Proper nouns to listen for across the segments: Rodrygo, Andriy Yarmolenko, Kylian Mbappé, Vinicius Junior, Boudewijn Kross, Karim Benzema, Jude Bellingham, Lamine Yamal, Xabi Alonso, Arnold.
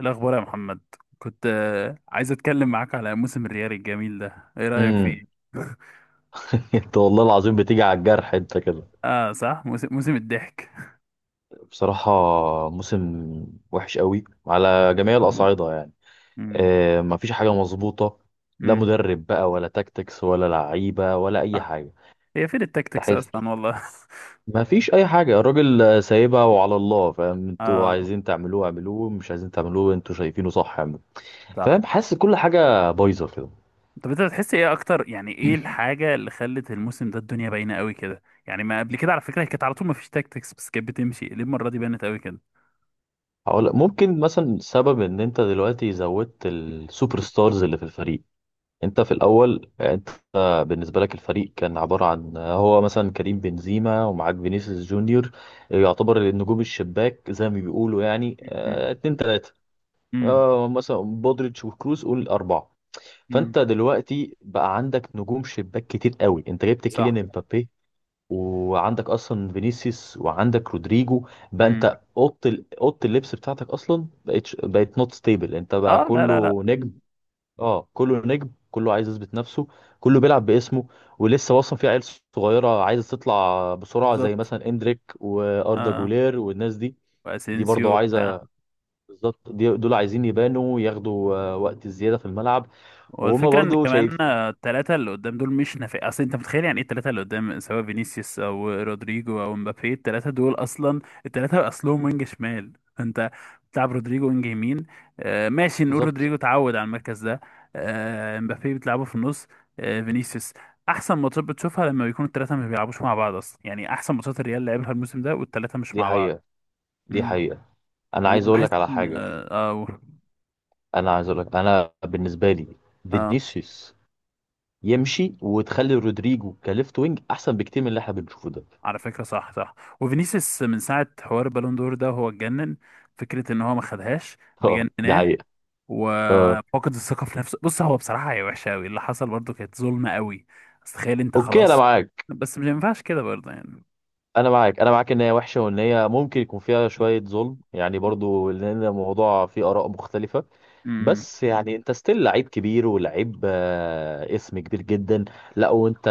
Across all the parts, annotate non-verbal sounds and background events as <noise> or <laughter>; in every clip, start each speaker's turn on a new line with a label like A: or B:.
A: الأخبار يا محمد. كنت عايز أتكلم معاك على موسم الريال الجميل ده، إيه رأيك فيه؟
B: امم
A: <laughs>
B: <laughs> انت والله العظيم بتيجي على الجرح انت كده.
A: آه صح، موسم الضحك.
B: بصراحة موسم وحش قوي على جميع
A: مم.
B: الأصعدة يعني.
A: مم.
B: اه، مفيش حاجة مظبوطة، لا
A: مم.
B: مدرب بقى ولا تاكتكس ولا لعيبة ولا أي
A: صح،
B: حاجة.
A: هي فين التكتكس
B: تحس
A: أصلا والله.
B: مفيش أي حاجة، الراجل سايبها وعلى الله. فاهم،
A: <laughs>
B: انتوا
A: آه
B: عايزين تعملوه اعملوه، مش عايزين تعملوه انتوا شايفينه صح اعملوه. فاهم،
A: صح.
B: حاسس كل حاجة بايظة كده.
A: طب أنت بتحس إيه أكتر، يعني إيه الحاجة اللي خلت الموسم ده الدنيا باينة قوي كده؟ يعني ما قبل كده على فكرة، هي كانت على طول ما فيش تكتكس بس كانت بتمشي، ليه المرة دي بانت قوي كده؟
B: ممكن مثلا سبب ان انت دلوقتي زودت السوبر ستارز اللي في الفريق. انت في الاول انت بالنسبه لك الفريق كان عباره عن هو مثلا كريم بنزيما ومعاك فينيسيوس جونيور، يعتبر النجوم الشباك زي ما بيقولوا، يعني
A: مم.
B: اتنين تلاته.
A: مم.
B: مثلا بودريتش وكروس قول اربعه.
A: مم.
B: فانت دلوقتي بقى عندك نجوم شباك كتير قوي، انت جبت
A: صح.
B: كيليان امبابي وعندك اصلا فينيسيوس وعندك رودريجو. بقى
A: مم.
B: انت اوضه اللبس بتاعتك اصلا بقت نوت ستيبل، انت بقى
A: آه لا لا لا.
B: كله نجم.
A: مم.
B: اه، كله نجم، كله عايز يثبت نفسه، كله بيلعب باسمه. ولسه اصلا في عيال صغيره عايزه تطلع بسرعه زي
A: بالظبط.
B: مثلا اندريك واردا
A: آه،
B: جولير والناس دي. دي برضه
A: وأسينسيو بتاع.
B: عايزه بالظبط، دول عايزين يبانوا ياخدوا وقت زياده في الملعب. وهما
A: والفكرة ان
B: برضه
A: كمان،
B: شايف
A: التلاتة اللي قدام دول مش نافع، اصل انت متخيل يعني ايه التلاتة اللي قدام، سواء فينيسيوس او رودريجو او مبابي، التلاتة دول اصلا. التلاتة اصلهم وينج شمال، فانت بتلعب رودريجو وينج يمين. آه ماشي، نقول
B: بالظبط.
A: رودريجو اتعود على المركز ده. آه، مبابي بتلعبه في النص. آه فينيسيوس. احسن ماتشات بتشوفها لما بيكونوا التلاتة ما بيلعبوش مع بعض اصلا، يعني احسن ماتشات الريال لعبها الموسم ده والتلاتة مش
B: دي
A: مع بعض.
B: حقيقه، دي
A: امم.
B: حقيقه. انا عايز اقول
A: وبحس
B: لك على
A: ان،
B: حاجه،
A: اه،
B: انا عايز اقول لك، انا بالنسبه لي
A: اه،
B: فينيسيوس يمشي وتخلي رودريجو كليفت وينج احسن بكتير من اللي احنا بنشوفه ده. <laughs>
A: على فكرة صح صح. وفينيسيوس من ساعة حوار البالون دور ده، هو اتجنن. فكرة ان هو ما خدهاش
B: اه، دي
A: مجنناه.
B: حقيقه. اه،
A: وفقد الثقة في نفسه. بص، هو بصراحة هي وحشة قوي اللي حصل، برضه كانت ظلمة قوي. بس تخيل انت
B: اوكي، انا
A: خلاص،
B: معاك،
A: بس مش ينفعش كده برضه يعني.
B: انا معاك. انا معاك ان هي وحشه وان هي ممكن يكون فيها شويه ظلم يعني برضو، لان الموضوع فيه اراء مختلفه.
A: امم.
B: بس يعني انت ستيل لعيب كبير ولعيب اسم كبير جدا. لا، وانت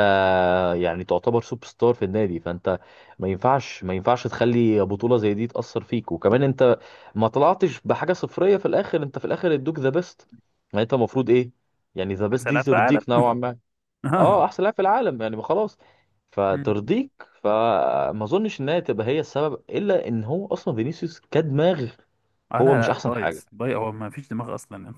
B: يعني تعتبر سوبر ستار في النادي، فانت ما ينفعش تخلي بطوله زي دي تاثر فيك. وكمان انت ما طلعتش بحاجه صفريه في الاخر، انت في الاخر ادوك ذا بيست. يعني انت المفروض ايه؟ يعني ذا بيست دي
A: حسالات العالم.
B: ترضيك نوعا ما.
A: <laughs>
B: اه،
A: اه.
B: احسن لاعب في العالم، يعني ما خلاص،
A: مم.
B: فترضيك. فما اظنش انها تبقى هي السبب، الا ان هو اصلا فينيسيوس كدماغ
A: لا
B: هو مش
A: لا،
B: احسن
A: بايظ
B: حاجه.
A: بايظ، هو ما فيش دماغ اصلا. <laughs> ما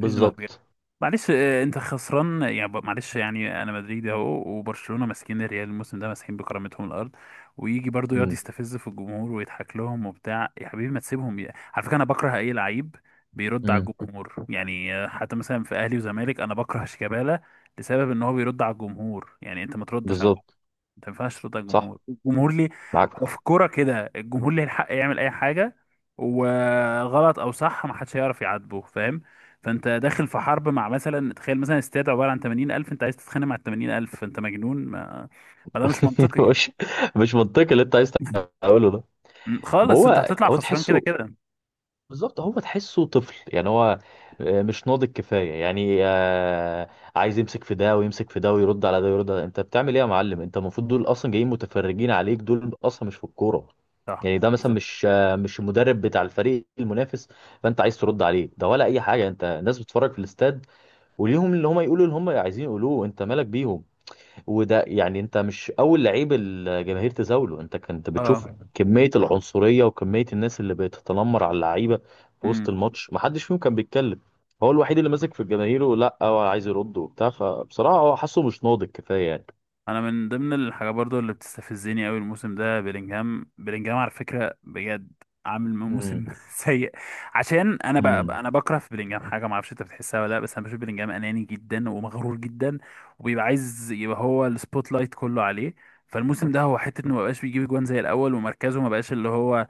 A: فيش دماغ. معلش، انت خسران يعني معلش، يعني انا مدريدي اهو، وبرشلونه ماسكين الريال الموسم ده ماسحين بكرامتهم الارض. ويجي برضو يقعد
B: امم.
A: يستفز في الجمهور ويضحك لهم وبتاع، يا حبيبي ما تسيبهم. على فكره، انا بكره اي لعيب بيرد على
B: امم.
A: الجمهور، يعني حتى مثلا في اهلي وزمالك انا بكره شيكابالا. لسبب ان هو بيرد على الجمهور، يعني انت ما تردش على.
B: بالظبط.
A: ما ينفعش ترد على
B: صح،
A: الجمهور، الجمهور ليه.
B: معاك.
A: هو في الكوره كده، الجمهور ليه الحق يعمل اي حاجه. وغلط او صح ما حدش هيعرف يعاتبه، فاهم. فانت داخل في حرب مع، مثلا تخيل مثلا استاد عباره عن 80,000، انت عايز تتخانق مع ال 80,000، فانت مجنون، ما ده مش
B: <laughs>
A: منطقي.
B: مش مش منطقي اللي انت عايز
A: <laughs>
B: تقوله ده. ما
A: خالص، انت
B: هو
A: هتطلع
B: هو
A: خسران كده
B: تحسه،
A: كده.
B: بالظبط هو تحسه طفل، يعني هو مش ناضج كفايه، يعني. عايز يمسك في ده ويمسك في ده ويرد على ده ويرد على ده. انت بتعمل ايه يا معلم؟ انت المفروض دول اصلا جايين متفرجين عليك، دول اصلا مش في الكوره،
A: صح.
B: يعني ده مثلا
A: بالظبط.
B: مش المدرب بتاع الفريق المنافس فانت عايز ترد عليه ده ولا اي حاجه. انت الناس بتتفرج في الاستاد وليهم اللي هم يقولوا اللي هم عايزين يقولوه، انت مالك بيهم. وده يعني انت مش اول لعيب الجماهير تزاوله. انت كنت بتشوف
A: اه.
B: كميه العنصريه وكميه الناس اللي بتتنمر على اللعيبه في وسط
A: امم.
B: الماتش، ما حدش فيهم كان بيتكلم. هو الوحيد اللي ماسك في الجماهير ولا هو عايز يرد وبتاع. فبصراحه هو حاسه مش ناضج كفايه يعني.
A: انا من ضمن الحاجات برضو اللي بتستفزني قوي الموسم ده بيلينجهام، بيلينجهام على فكره بجد عامل
B: امم.
A: موسم <laughs> سيء. عشان انا ب...
B: امم.
A: انا بكره في بيلينجهام حاجه، ما اعرفش انت بتحسها ولا لا، بس انا بشوف بيلينجهام اناني جدا ومغرور جدا، وبيبقى عايز يبقى هو السبوت لايت كله عليه. فالموسم ده هو حته انه ما بقاش بيجيب جوان زي الاول، ومركزه ما بقاش اللي هو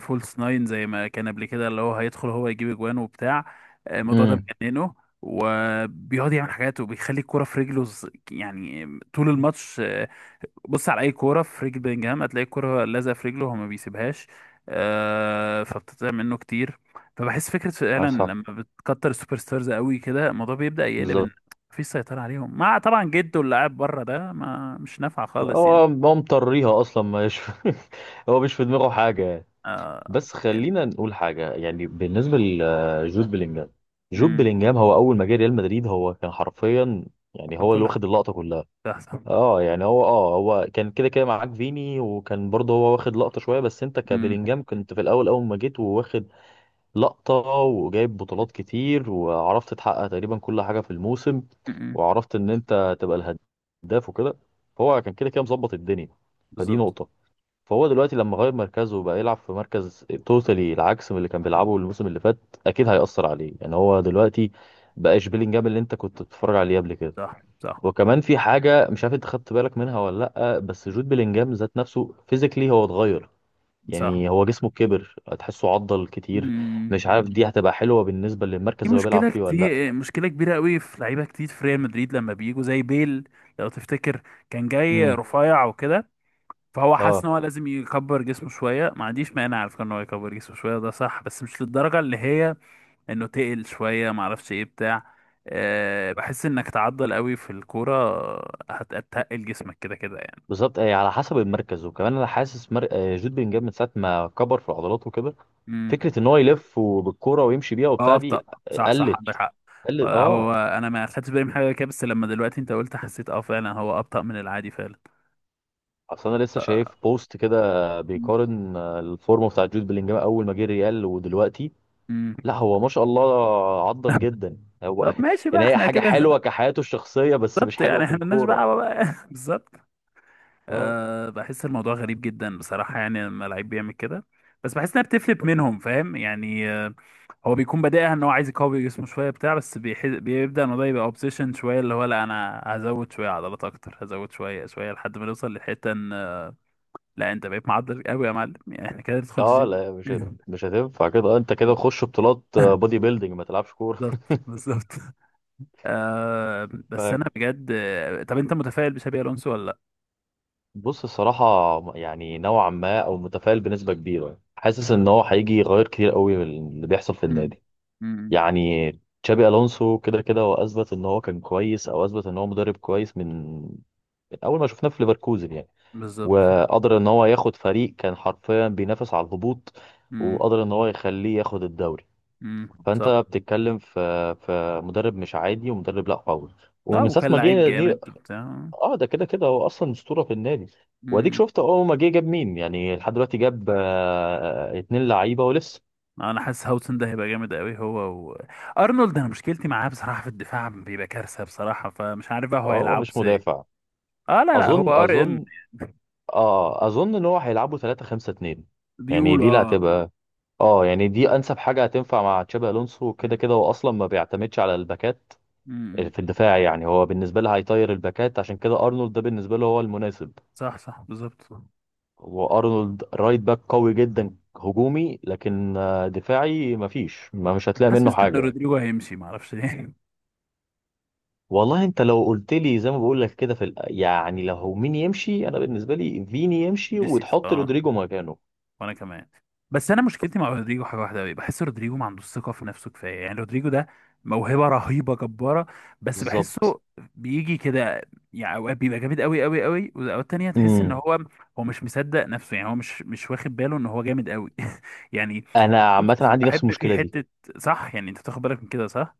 A: فولس ناين زي ما كان قبل كده، اللي هو هيدخل هو يجيب جوان وبتاع. الموضوع ده
B: امم.
A: مجننه. وبيقعد يعمل حاجات وبيخلي الكوره في رجله يعني طول الماتش، بص على اي كوره في رجل بلينجهام هتلاقي الكوره لازقه في رجله، هو ما بيسيبهاش. فبتضيع منه كتير. فبحس فكره فعلا،
B: صح،
A: لما بتكتر السوبر ستارز قوي كده الموضوع بيبدا يقلب ان
B: بالظبط.
A: مفيش سيطره عليهم، مع طبعا جده اللي قاعد بره ده ما مش نافع خالص
B: هو
A: يعني.
B: هو مطريها اصلا، ما يش... <laughs> هو مش في دماغه حاجه يعني.
A: آه،
B: بس
A: يعني.
B: خلينا نقول حاجه يعني، بالنسبه لجود بلينجهام، جود
A: امم.
B: بلينجهام هو اول ما جه ريال مدريد هو كان حرفيا، يعني
A: كان
B: هو اللي
A: كل حاجه
B: واخد اللقطه كلها.
A: احسن.
B: اه يعني هو، هو كان كده كده معاك فيني، وكان برضه هو واخد لقطه شويه. بس انت
A: امم.
B: كبلينجهام كنت في الاول، اول ما جيت وواخد لقطة وجايب بطولات كتير، وعرفت تحقق تقريبا كل حاجة في الموسم،
A: أمم،
B: وعرفت ان انت تبقى الهداف وكده. فهو كان كده كده مظبط الدنيا، فدي
A: بالظبط.
B: نقطة. فهو دلوقتي لما غير مركزه وبقى يلعب في مركز توتالي العكس من اللي كان بيلعبه الموسم اللي فات، اكيد هيأثر عليه. يعني هو دلوقتي بقاش بيلينجهام اللي انت كنت بتتفرج عليه قبل كده.
A: صح صح.
B: وكمان في حاجة مش عارف انت خدت بالك منها ولا لأ، بس جود بيلينجهام ذات نفسه فيزيكلي هو اتغير،
A: صح.
B: يعني هو جسمه كبر، تحسه عضل كتير.
A: امم.
B: مش عارف دي هتبقى حلوة بالنسبة للمركز
A: في
B: اللي هو بيلعب
A: مشكلة
B: فيه ولا لأ.
A: كتير مشكلة كبيرة قوي في لعيبة كتير في ريال مدريد لما بيجوا زي بيل، لو تفتكر كان جاي
B: امم،
A: رفيع وكده. فهو حاسس
B: اه،
A: ان هو لازم يكبر جسمه شوية، ما عنديش مانع على فكرة ان هو يكبر جسمه شوية، ده صح، بس مش للدرجة اللي هي انه تقل شوية، ما اعرفش ايه بتاع. أه، بحس انك تعضل قوي في الكورة هتتقل جسمك كده كده يعني.
B: بالظبط. على حسب المركز. وكمان انا حاسس جود بلينجهام من ساعة ما كبر في عضلاته وكده،
A: امم.
B: فكرة ان هو يلف بالكورة ويمشي بيها
A: اه،
B: وبتاع
A: ابطأ.
B: دي
A: صح صح،
B: قلت
A: عندك حق.
B: قلت اه.
A: هو انا ما خدتش بالي من حاجة كده، بس لما دلوقتي انت قلت حسيت، اه فعلا هو ابطأ من العادي.
B: اصل انا لسه شايف
A: فعلا.
B: بوست كده بيقارن الفورمة بتاع جود بلينجهام اول ما جه ريال ودلوقتي.
A: مم.
B: لا هو ما شاء الله عضل جدا هو.
A: طب ماشي
B: <laughs>
A: بقى
B: يعني هي
A: احنا
B: حاجة
A: كده. <laughs>
B: حلوة كحياته الشخصية بس مش
A: بالظبط،
B: حلوة
A: يعني
B: في
A: احنا ملناش
B: الكورة.
A: دعوه بقى. <laughs> بالظبط.
B: اه.
A: أه، بحس الموضوع غريب جدا بصراحه، يعني لما لعيب بيعمل كده، بس بحس انها بتفلت منهم، فاهم يعني. هو بيكون بادئها ان هو عايز يقوي جسمه شويه بتاع، بس بيبدا الموضوع يبقى اوبسيشن شويه، اللي هو لا انا هزود شويه عضلات اكتر، هزود شويه شويه لحد ما نوصل للحته ان، لا انت بقيت معضل قوي يا معلم، يعني احنا كده ندخل
B: اه لا،
A: الجيم.
B: مش هتنفع كده. انت كده
A: <laughs>
B: تخش بطولات بودي بيلدينج، ما تلعبش كوره.
A: بالظبط بالظبط. آه. بس انا
B: <laughs>
A: بجد، طب انت متفائل بشابي الونسو ولا لا؟
B: فبص الصراحه، يعني نوعا ما او متفائل بنسبه كبيره يعني. حاسس ان هو هيجي يغير كتير قوي من اللي بيحصل في
A: امم.
B: النادي.
A: امم.
B: يعني تشابي الونسو كده كده هو اثبت ان هو كان كويس، او اثبت ان هو مدرب كويس من اول ما شفناه في ليفركوزن يعني،
A: بالظبط.
B: وقدر ان هو ياخد فريق كان حرفيا بينافس على الهبوط
A: امم.
B: وقدر ان هو يخليه ياخد الدوري.
A: امم.
B: فانت
A: صح.
B: بتتكلم في مدرب مش عادي، ومدرب لا قوي
A: لا،
B: ومن ساعه
A: وكان
B: ما
A: لعيب
B: جه دي.
A: جامد وبتاع.
B: اه، ده كده كده هو اصلا اسطوره في النادي. واديك
A: امم.
B: شفت اول ما جه جاب مين، يعني لحد دلوقتي جاب اتنين لعيبه ولسه.
A: انا حاسس هاوسن ده هيبقى جامد قوي هو و... ارنولد. انا مشكلتي معاه بصراحه، في الدفاع بيبقى كارثه بصراحه، فمش عارف بقى هو
B: هو
A: هيلعب
B: مش
A: ازاي.
B: مدافع،
A: اه لا لا،
B: اظن.
A: هو RM.
B: اظن ان هو هيلعبوا 3 5 2. يعني
A: بيقولوا
B: دي اللي
A: اه.
B: هتبقى، اه، يعني دي انسب حاجه هتنفع مع تشابي الونسو، كده
A: مم.
B: كده هو اصلا ما بيعتمدش على الباكات
A: مم.
B: في الدفاع. يعني هو بالنسبه له هيطير الباكات، عشان كده ارنولد ده بالنسبه له هو المناسب.
A: صح صح، بالظبط.
B: وارنولد رايت باك قوي جدا هجومي، لكن دفاعي مفيش، ما مش هتلاقي منه
A: حاسس ان
B: حاجه يعني.
A: رودريجو هيمشي، معرفش ليه.
B: والله انت لو قلت لي زي ما بقول لك كده يعني لو مين يمشي، انا بالنسبه لي فيني يمشي
A: <laughs> نسيت.
B: وتحط
A: اه،
B: رودريجو مكانه.
A: وانا كمان. بس انا مشكلتي مع رودريجو حاجه واحده قوي، بحس رودريجو ما عندوش ثقه في نفسه كفايه، يعني رودريجو ده موهبه رهيبه جباره، بس
B: بالظبط.
A: بحسه بيجي كده، يعني اوقات بيبقى جامد قوي قوي قوي، واوقات تانية تحس ان
B: امم.
A: هو مش مصدق نفسه، يعني هو مش واخد باله ان هو جامد قوي. <laughs> يعني
B: انا عامه عندي نفس
A: بحب في
B: المشكله دي.
A: حته، صح، يعني انت بتاخد بالك من كده، صح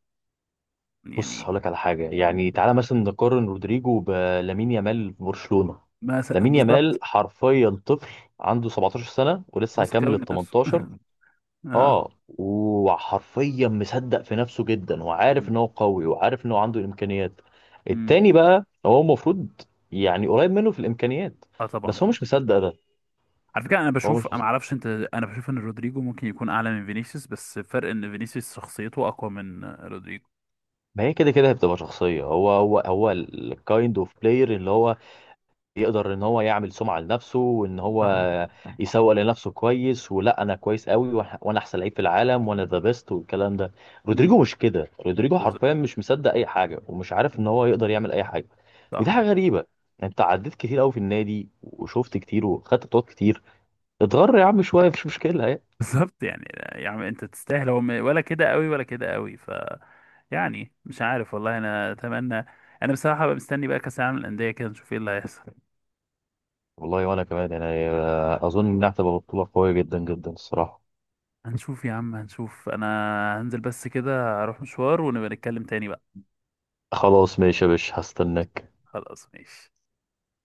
B: بص
A: يعني.
B: هقول لك على حاجه، يعني تعالى مثلا نقارن رودريجو بلامين يامال في برشلونه.
A: مثلا،
B: لامين يامال
A: بالظبط.
B: حرفيا طفل، عنده 17 سنه ولسه
A: واثق
B: هيكمل
A: قوي
B: ال
A: من نفسه.
B: 18.
A: <laughs> اه.
B: اه، وحرفيا مصدق في نفسه جدا، وعارف ان هو قوي وعارف ان هو عنده الامكانيات. التاني
A: امم.
B: بقى هو المفروض يعني قريب منه في الامكانيات
A: اه طبعا.
B: بس هو مش مصدق ده،
A: على فكره، انا
B: هو
A: بشوف،
B: مش
A: انا ما
B: مصدق.
A: اعرفش انت، انا بشوف ان رودريجو ممكن يكون اعلى من فينيسيوس، بس الفرق ان فينيسيوس شخصيته اقوى من رودريجو.
B: ما هي كده كده هتبقى شخصية، هو هو الكايند اوف بلاير اللي هو يقدر ان هو يعمل سمعة لنفسه وان هو
A: صح.
B: يسوق لنفسه كويس، ولا انا كويس قوي وانا احسن لعيب في العالم وانا ذا بيست والكلام ده. رودريجو
A: مم.
B: مش كده، رودريجو
A: بالظبط.
B: حرفيا مش مصدق اي حاجة ومش عارف ان هو يقدر يعمل اي حاجة. ودي
A: صح.
B: حاجة غريبة، انت عديت كتير قوي في النادي وشفت كتير وخدت بطولات كتير، اتغر يا عم شوية، مش مشكلة يعني.
A: بالظبط يعني. يعني انت تستاهل، هو ولا كده قوي ولا كده قوي، يعني مش عارف والله، انا اتمنى. انا بصراحه بقى مستني بقى كاس العالم للانديه، كده نشوف ايه اللي هيحصل.
B: والله وانا كمان يعني، اظن انها هتبقى بطولة قوية جدا جدا الصراحة.
A: هنشوف يا عم هنشوف. انا هنزل بس كده اروح مشوار، ونبقى نتكلم تاني بقى.
B: خلاص ماشي يا باشا، هستناك.
A: خلاص ماشي.